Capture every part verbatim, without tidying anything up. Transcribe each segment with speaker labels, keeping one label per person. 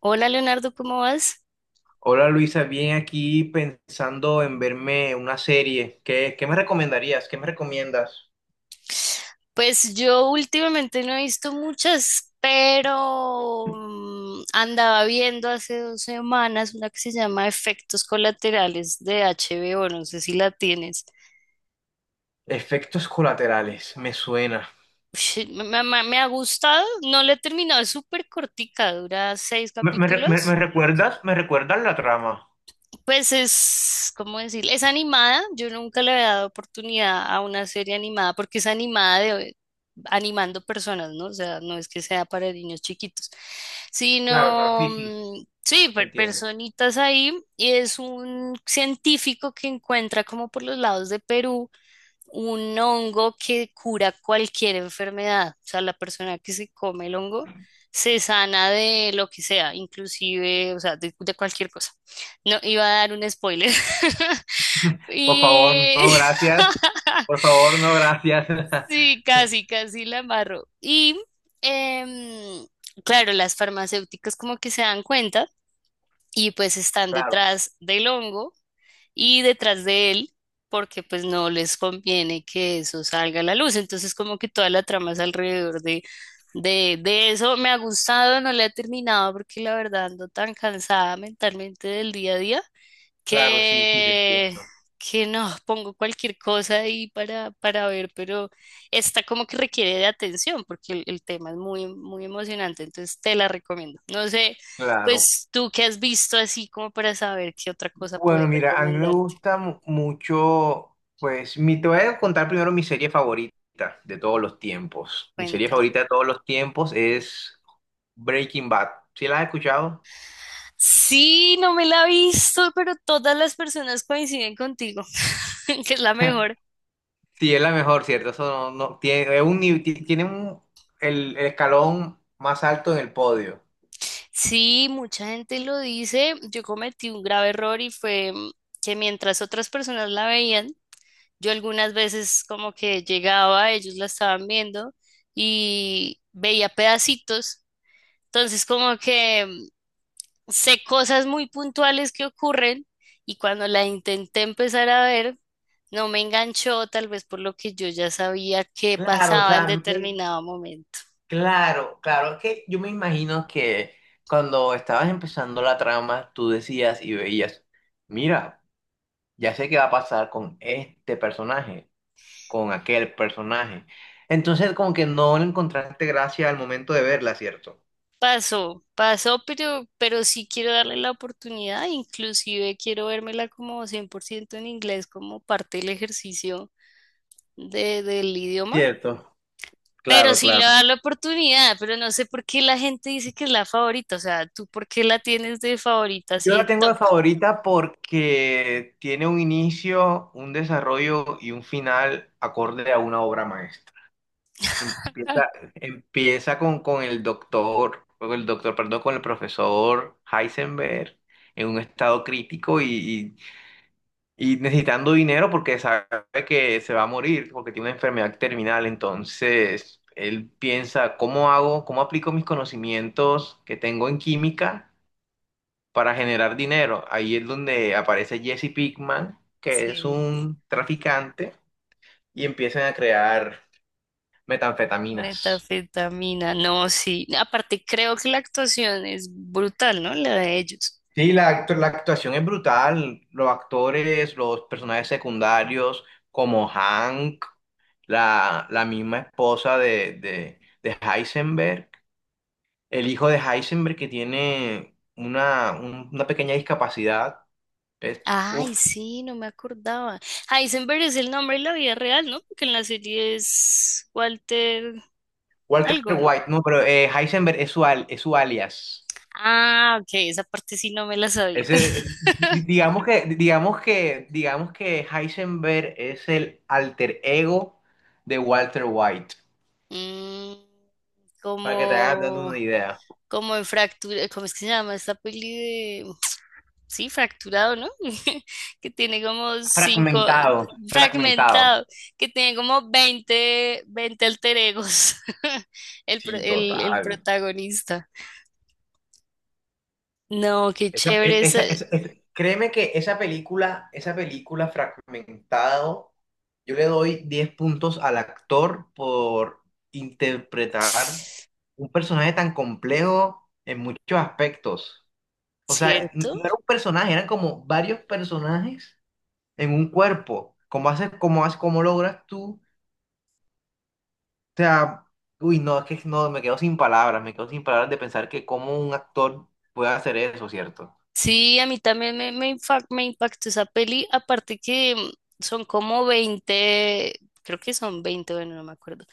Speaker 1: Hola Leonardo, ¿cómo vas?
Speaker 2: Hola Luisa, bien aquí pensando en verme una serie. ¿Qué, qué me recomendarías? ¿Qué me recomiendas?
Speaker 1: Pues yo últimamente no he visto muchas, pero mm, andaba viendo hace dos semanas una que se llama Efectos Colaterales de H B O, no sé si la tienes.
Speaker 2: Efectos colaterales, me suena.
Speaker 1: Ush, me, me- me ha gustado, no la he terminado, es súper cortica, dura seis
Speaker 2: ¿Me, me re- me- me
Speaker 1: capítulos.
Speaker 2: recuerdas? ¿Me recuerdas la trama?
Speaker 1: Pues es, ¿cómo decir? Es animada. Yo nunca le había dado oportunidad a una serie animada porque es animada de animando personas, ¿no? O sea, no es que sea para niños chiquitos,
Speaker 2: Claro, claro,
Speaker 1: sino,
Speaker 2: sí, sí, sí,
Speaker 1: mm, sí,
Speaker 2: te
Speaker 1: per-
Speaker 2: entiendo.
Speaker 1: personitas ahí. Y es un científico que encuentra como por los lados de Perú un hongo que cura cualquier enfermedad. O sea, la persona que se come el hongo se sana de lo que sea, inclusive, o sea, de, de cualquier cosa. No, iba a dar un spoiler.
Speaker 2: Por favor,
Speaker 1: Y
Speaker 2: no, gracias. Por favor, no, gracias.
Speaker 1: sí, casi, casi la amarro. Y em, claro, las farmacéuticas como que se dan cuenta y pues están
Speaker 2: Claro,
Speaker 1: detrás del hongo y detrás de él, porque pues no les conviene que eso salga a la luz. Entonces como que toda la trama es alrededor de, de, de eso. Me ha gustado, no la he terminado porque la verdad ando tan cansada mentalmente del día a día
Speaker 2: claro, sí, sí, te
Speaker 1: que,
Speaker 2: entiendo.
Speaker 1: que no, pongo cualquier cosa ahí para, para ver, pero esta como que requiere de atención porque el, el tema es muy, muy emocionante, entonces te la recomiendo. No sé,
Speaker 2: Claro.
Speaker 1: pues tú qué has visto así como para saber qué otra cosa puedes
Speaker 2: Bueno, mira, a mí me
Speaker 1: recomendarte.
Speaker 2: gusta mu- mucho, pues, mi, te voy a contar primero mi serie favorita de todos los tiempos. Mi serie
Speaker 1: Cuenta.
Speaker 2: favorita de todos los tiempos es Breaking Bad. ¿Sí la has escuchado?
Speaker 1: Sí, no me la he visto, pero todas las personas coinciden contigo, que es la mejor.
Speaker 2: Sí, es la mejor, ¿cierto? Eso no, no- tiene, es un, nivel- ti- tiene un, el, el escalón más alto en el podio.
Speaker 1: Sí, mucha gente lo dice. Yo cometí un grave error y fue mm, que mientras otras personas la veían, yo algunas veces como que llegaba, ellos la estaban viendo y veía pedacitos. Entonces como que mm, sé cosas muy puntuales que ocurren y cuando la intenté empezar a ver, no me enganchó, tal vez por lo que yo ya sabía que
Speaker 2: Claro, o
Speaker 1: pasaba en
Speaker 2: sea, me-
Speaker 1: determinado momento.
Speaker 2: claro, claro, es que yo me imagino que cuando estabas empezando la trama, tú decías y veías, mira. Ya sé qué va a pasar con este personaje, con aquel personaje. Entonces, como que no le encontraste gracia al momento de verla, ¿cierto?
Speaker 1: Pasó, pasó, pero, pero sí quiero darle la oportunidad, inclusive quiero vérmela como cien por ciento en inglés como parte del ejercicio de, del idioma.
Speaker 2: Cierto,
Speaker 1: Pero
Speaker 2: claro,
Speaker 1: sí le
Speaker 2: claro.
Speaker 1: da la oportunidad, pero no sé por qué la gente dice que es la favorita. O sea, ¿tú por qué la tienes de favorita
Speaker 2: Yo
Speaker 1: así
Speaker 2: la
Speaker 1: en
Speaker 2: tengo
Speaker 1: top?
Speaker 2: de favorita porque tiene un inicio, un desarrollo y un final acorde a una obra maestra. Empieza, empieza con, con el doctor, con el doctor, perdón, con el profesor Heisenberg en un estado crítico y, Y necesitando dinero porque sabe que se va a morir, porque tiene una enfermedad terminal. Entonces, él piensa, ¿cómo hago, cómo aplico mis conocimientos que tengo en química para generar dinero? Ahí es donde aparece Jesse Pinkman, que es
Speaker 1: Sí,
Speaker 2: un traficante, y empiezan a crear metanfetaminas.
Speaker 1: metafetamina, no, sí. Aparte, creo que la actuación es brutal, ¿no? La de ellos.
Speaker 2: Sí, la, actu- la actuación es brutal. Los actores, los personajes secundarios, como Hank. la, la misma esposa de, de, de Heisenberg, el hijo de Heisenberg que tiene una, un- una pequeña discapacidad. Es,
Speaker 1: Ay,
Speaker 2: uf,
Speaker 1: sí, no me acordaba. Heisenberg es el nombre en la vida real, ¿no? Porque en la serie es Walter
Speaker 2: Walter
Speaker 1: algo, ¿no?
Speaker 2: White, no, pero eh, Heisenberg es su, al- es su alias.
Speaker 1: Ah, ok, esa parte sí no me la sabía.
Speaker 2: Ese, eh, di- digamos que, digamos que, digamos que Heisenberg es el alter ego de Walter White,
Speaker 1: Mm,
Speaker 2: para que te hagas dando
Speaker 1: como
Speaker 2: una idea.
Speaker 1: como en fractura, ¿cómo es que se llama esta peli de Sí, fracturado, ¿no? Que tiene como cinco,
Speaker 2: Fragmentado, fragmentado.
Speaker 1: fragmentado, que tiene como veinte veinte alter egos, el, pro-
Speaker 2: Sí,
Speaker 1: el, el
Speaker 2: total.
Speaker 1: protagonista. No, qué
Speaker 2: Esa- e-
Speaker 1: chévere es,
Speaker 2: esa- esa- esa- créeme que esa película, esa película, fragmentado, yo le doy diez puntos al actor por interpretar un personaje tan complejo en muchos aspectos. O sea, n-
Speaker 1: ¿cierto?
Speaker 2: no era un personaje, eran como varios personajes en un cuerpo. ¿Cómo haces, cómo haces, cómo logras tú? O sea, uy, no, es que no, me quedo sin palabras, me quedo sin palabras de pensar que cómo un actor puede hacer eso, ¿cierto?
Speaker 1: Sí, a mí también me, me, infa- me impactó esa peli, aparte que mm, son como veinte, creo que son veinte, bueno, no me acuerdo,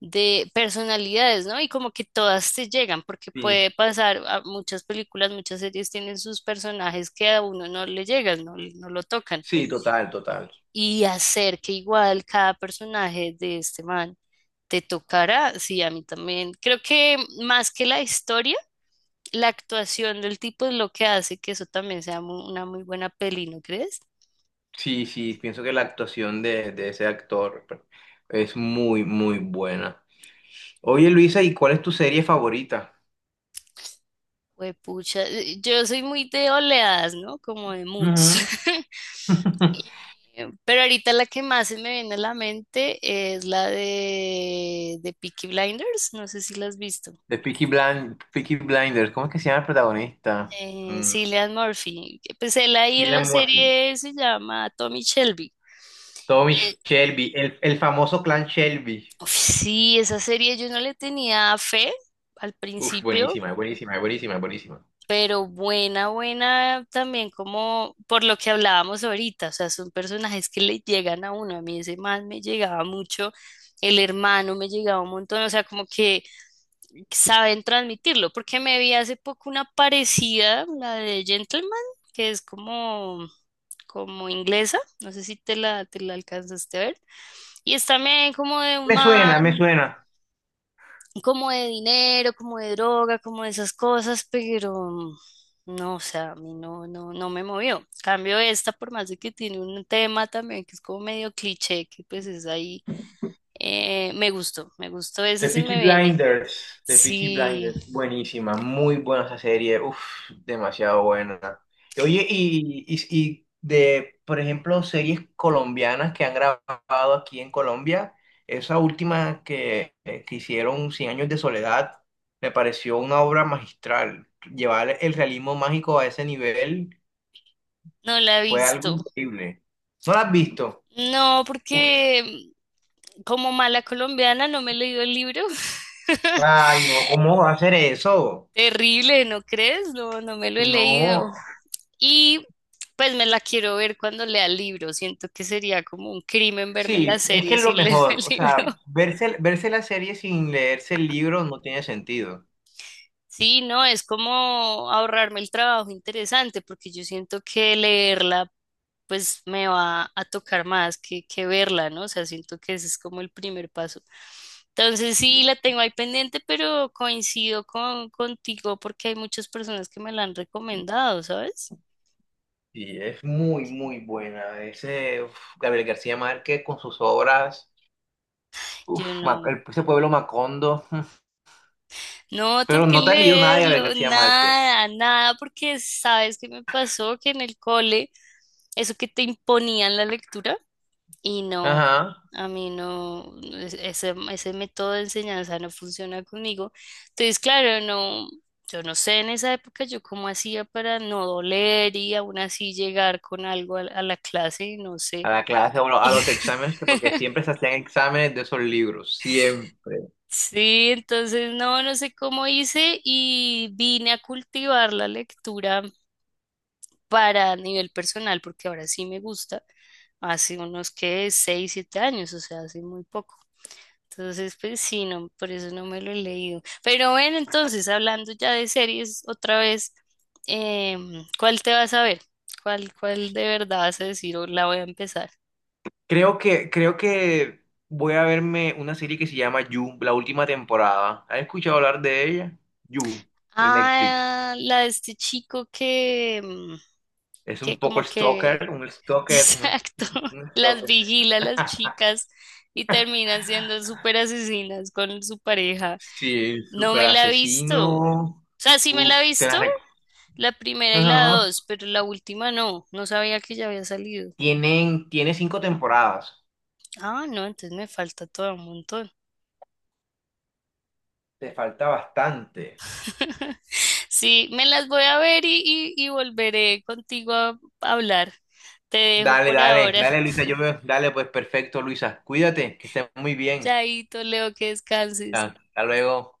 Speaker 1: de personalidades, ¿no? Y como que todas te llegan, porque
Speaker 2: Sí,
Speaker 1: puede pasar, a muchas películas, muchas series tienen sus personajes que a uno no le llegan, no, no lo tocan.
Speaker 2: sí, total, total.
Speaker 1: Y hacer que igual cada personaje de este man te tocará, sí, a mí también. Creo que mm, más que la historia, la actuación del tipo es lo que hace que eso también sea mu- una muy buena peli, ¿no crees?
Speaker 2: Sí, sí, pienso que la actuación de, de ese actor es muy, muy buena. Oye, Luisa, ¿y cuál es tu serie favorita?
Speaker 1: Pucha, eh, yo soy muy de oleadas, ¿no? Como de moods.
Speaker 2: Ujú.
Speaker 1: Y- Pero ahorita la que más se me viene a la mente es la de, de Peaky Blinders, no sé si la has visto.
Speaker 2: De Peaky Blind, Peaky Blinders, ¿cómo es que se llama el protagonista?
Speaker 1: Eh,
Speaker 2: Mm,
Speaker 1: Cillian Murphy, que, pues él ahí en la
Speaker 2: Cillian Murphy.
Speaker 1: serie se llama Tommy Shelby.
Speaker 2: Tommy
Speaker 1: Eh,
Speaker 2: Shelby, el, el famoso clan Shelby.
Speaker 1: uf, sí, esa serie yo no le tenía fe al
Speaker 2: Uf,
Speaker 1: principio.
Speaker 2: buenísima, buenísima, buenísima, buenísima.
Speaker 1: Pero buena, buena también como por lo que hablábamos ahorita, o sea, son personajes que le llegan a uno, a mí ese man me llegaba mucho, el hermano me llegaba un montón, o sea, como que saben transmitirlo, porque me vi hace poco una parecida, la de Gentleman, que es como, como inglesa, no sé si te la, te la alcanzaste a ver, y es también como de un
Speaker 2: Me
Speaker 1: man
Speaker 2: suena, me suena.
Speaker 1: como de dinero, como de droga, como de esas cosas, pero no, o sea, a mí no, no, no me movió. Cambio esta, por más de que tiene un tema también que es como medio cliché, que pues es ahí, eh, me gustó, me gustó
Speaker 2: The
Speaker 1: esa, sí
Speaker 2: Peaky
Speaker 1: me viene.
Speaker 2: Blinders, The Peaky
Speaker 1: Sí,
Speaker 2: Blinders, buenísima, muy buena esa serie, uff, demasiado buena. Y Oye, y, y, y de, por ejemplo, series colombianas que han grabado aquí en Colombia, esa última que, eh, que hicieron, Cien Años de Soledad, me pareció una obra magistral. Llevar el realismo mágico a ese nivel
Speaker 1: no la he
Speaker 2: fue algo
Speaker 1: visto.
Speaker 2: increíble. ¿No la has visto?
Speaker 1: No, porque como mala colombiana no me he leído el libro.
Speaker 2: Ay, no, ¿cómo va a hacer eso?
Speaker 1: Terrible, ¿no crees? No, no me lo he leído.
Speaker 2: No.
Speaker 1: Y pues me la quiero ver cuando lea el libro. Siento que sería como un crimen verme la
Speaker 2: Sí, es que
Speaker 1: serie
Speaker 2: es lo
Speaker 1: sin leer el
Speaker 2: mejor. O sea,
Speaker 1: libro.
Speaker 2: verse, verse la serie sin leerse el libro no tiene sentido.
Speaker 1: Sí, no, es como ahorrarme el trabajo interesante, porque yo siento que leerla pues me va a tocar más que, que verla, ¿no? O sea, siento que ese es como el primer paso. Entonces sí, la tengo ahí pendiente, pero coincido con, contigo porque hay muchas personas que me la han recomendado, ¿sabes?
Speaker 2: Y es muy, muy buena. Ese uf, Gabriel García Márquez con sus obras,
Speaker 1: Yo
Speaker 2: uf, Ma-
Speaker 1: no.
Speaker 2: el- ese pueblo Macondo.
Speaker 1: No, tengo
Speaker 2: Pero
Speaker 1: que
Speaker 2: no te has leído nada de Gabriel
Speaker 1: leerlo,
Speaker 2: García Márquez.
Speaker 1: nada, nada, porque sabes qué me pasó que en el cole, eso que te imponían la lectura, y no,
Speaker 2: Ajá.
Speaker 1: a mí no, es- ese, ese método de enseñanza no funciona conmigo. Entonces, claro, no, yo no sé en esa época yo cómo hacía para no doler y aún así llegar con algo a, la a la clase, no
Speaker 2: A
Speaker 1: sé.
Speaker 2: la clase, o lo- a los exámenes, que porque siempre se hacían exámenes de esos libros. Siempre.
Speaker 1: Sí, entonces no, no sé cómo hice y vine a cultivar la lectura para nivel personal, porque ahora sí me gusta, hace unos que seis siete años, o sea, hace muy poco. Entonces, pues sí, no, por eso no me lo he leído. Pero bueno, entonces, hablando ya de series otra vez, em, ¿cuál te vas a ver? ¿Cuál, cuál de verdad vas a decir o la voy a empezar?
Speaker 2: Creo que, creo que voy a verme una serie que se llama You, la última temporada. ¿Has escuchado hablar de ella? You, de Netflix.
Speaker 1: Ah, la de este chico que, mm,
Speaker 2: Es un
Speaker 1: que,
Speaker 2: poco
Speaker 1: como que,
Speaker 2: stalker, un stalker, un,
Speaker 1: exacto,
Speaker 2: un- un
Speaker 1: las
Speaker 2: stalker.
Speaker 1: vigila a las chicas y terminan siendo súper asesinas con su pareja.
Speaker 2: Sí,
Speaker 1: No
Speaker 2: super
Speaker 1: me la he visto. O
Speaker 2: asesino.
Speaker 1: sea, sí me la he
Speaker 2: Uf, te
Speaker 1: visto,
Speaker 2: la rec-
Speaker 1: la primera y la
Speaker 2: Ajá.
Speaker 1: dos, pero la última no. No sabía que ya había salido.
Speaker 2: Tienen, tiene cinco temporadas.
Speaker 1: Ah, no, entonces me falta todo un montón.
Speaker 2: Te falta bastante.
Speaker 1: Sí, me las voy a ver y, y- y volveré contigo a hablar. Te dejo
Speaker 2: Dale,
Speaker 1: por
Speaker 2: dale,
Speaker 1: ahora.
Speaker 2: dale, Luisa. Yo veo. Dale, pues perfecto, Luisa. Cuídate, que estés muy bien.
Speaker 1: Chaito, Leo, que descanses.
Speaker 2: Hasta hasta luego.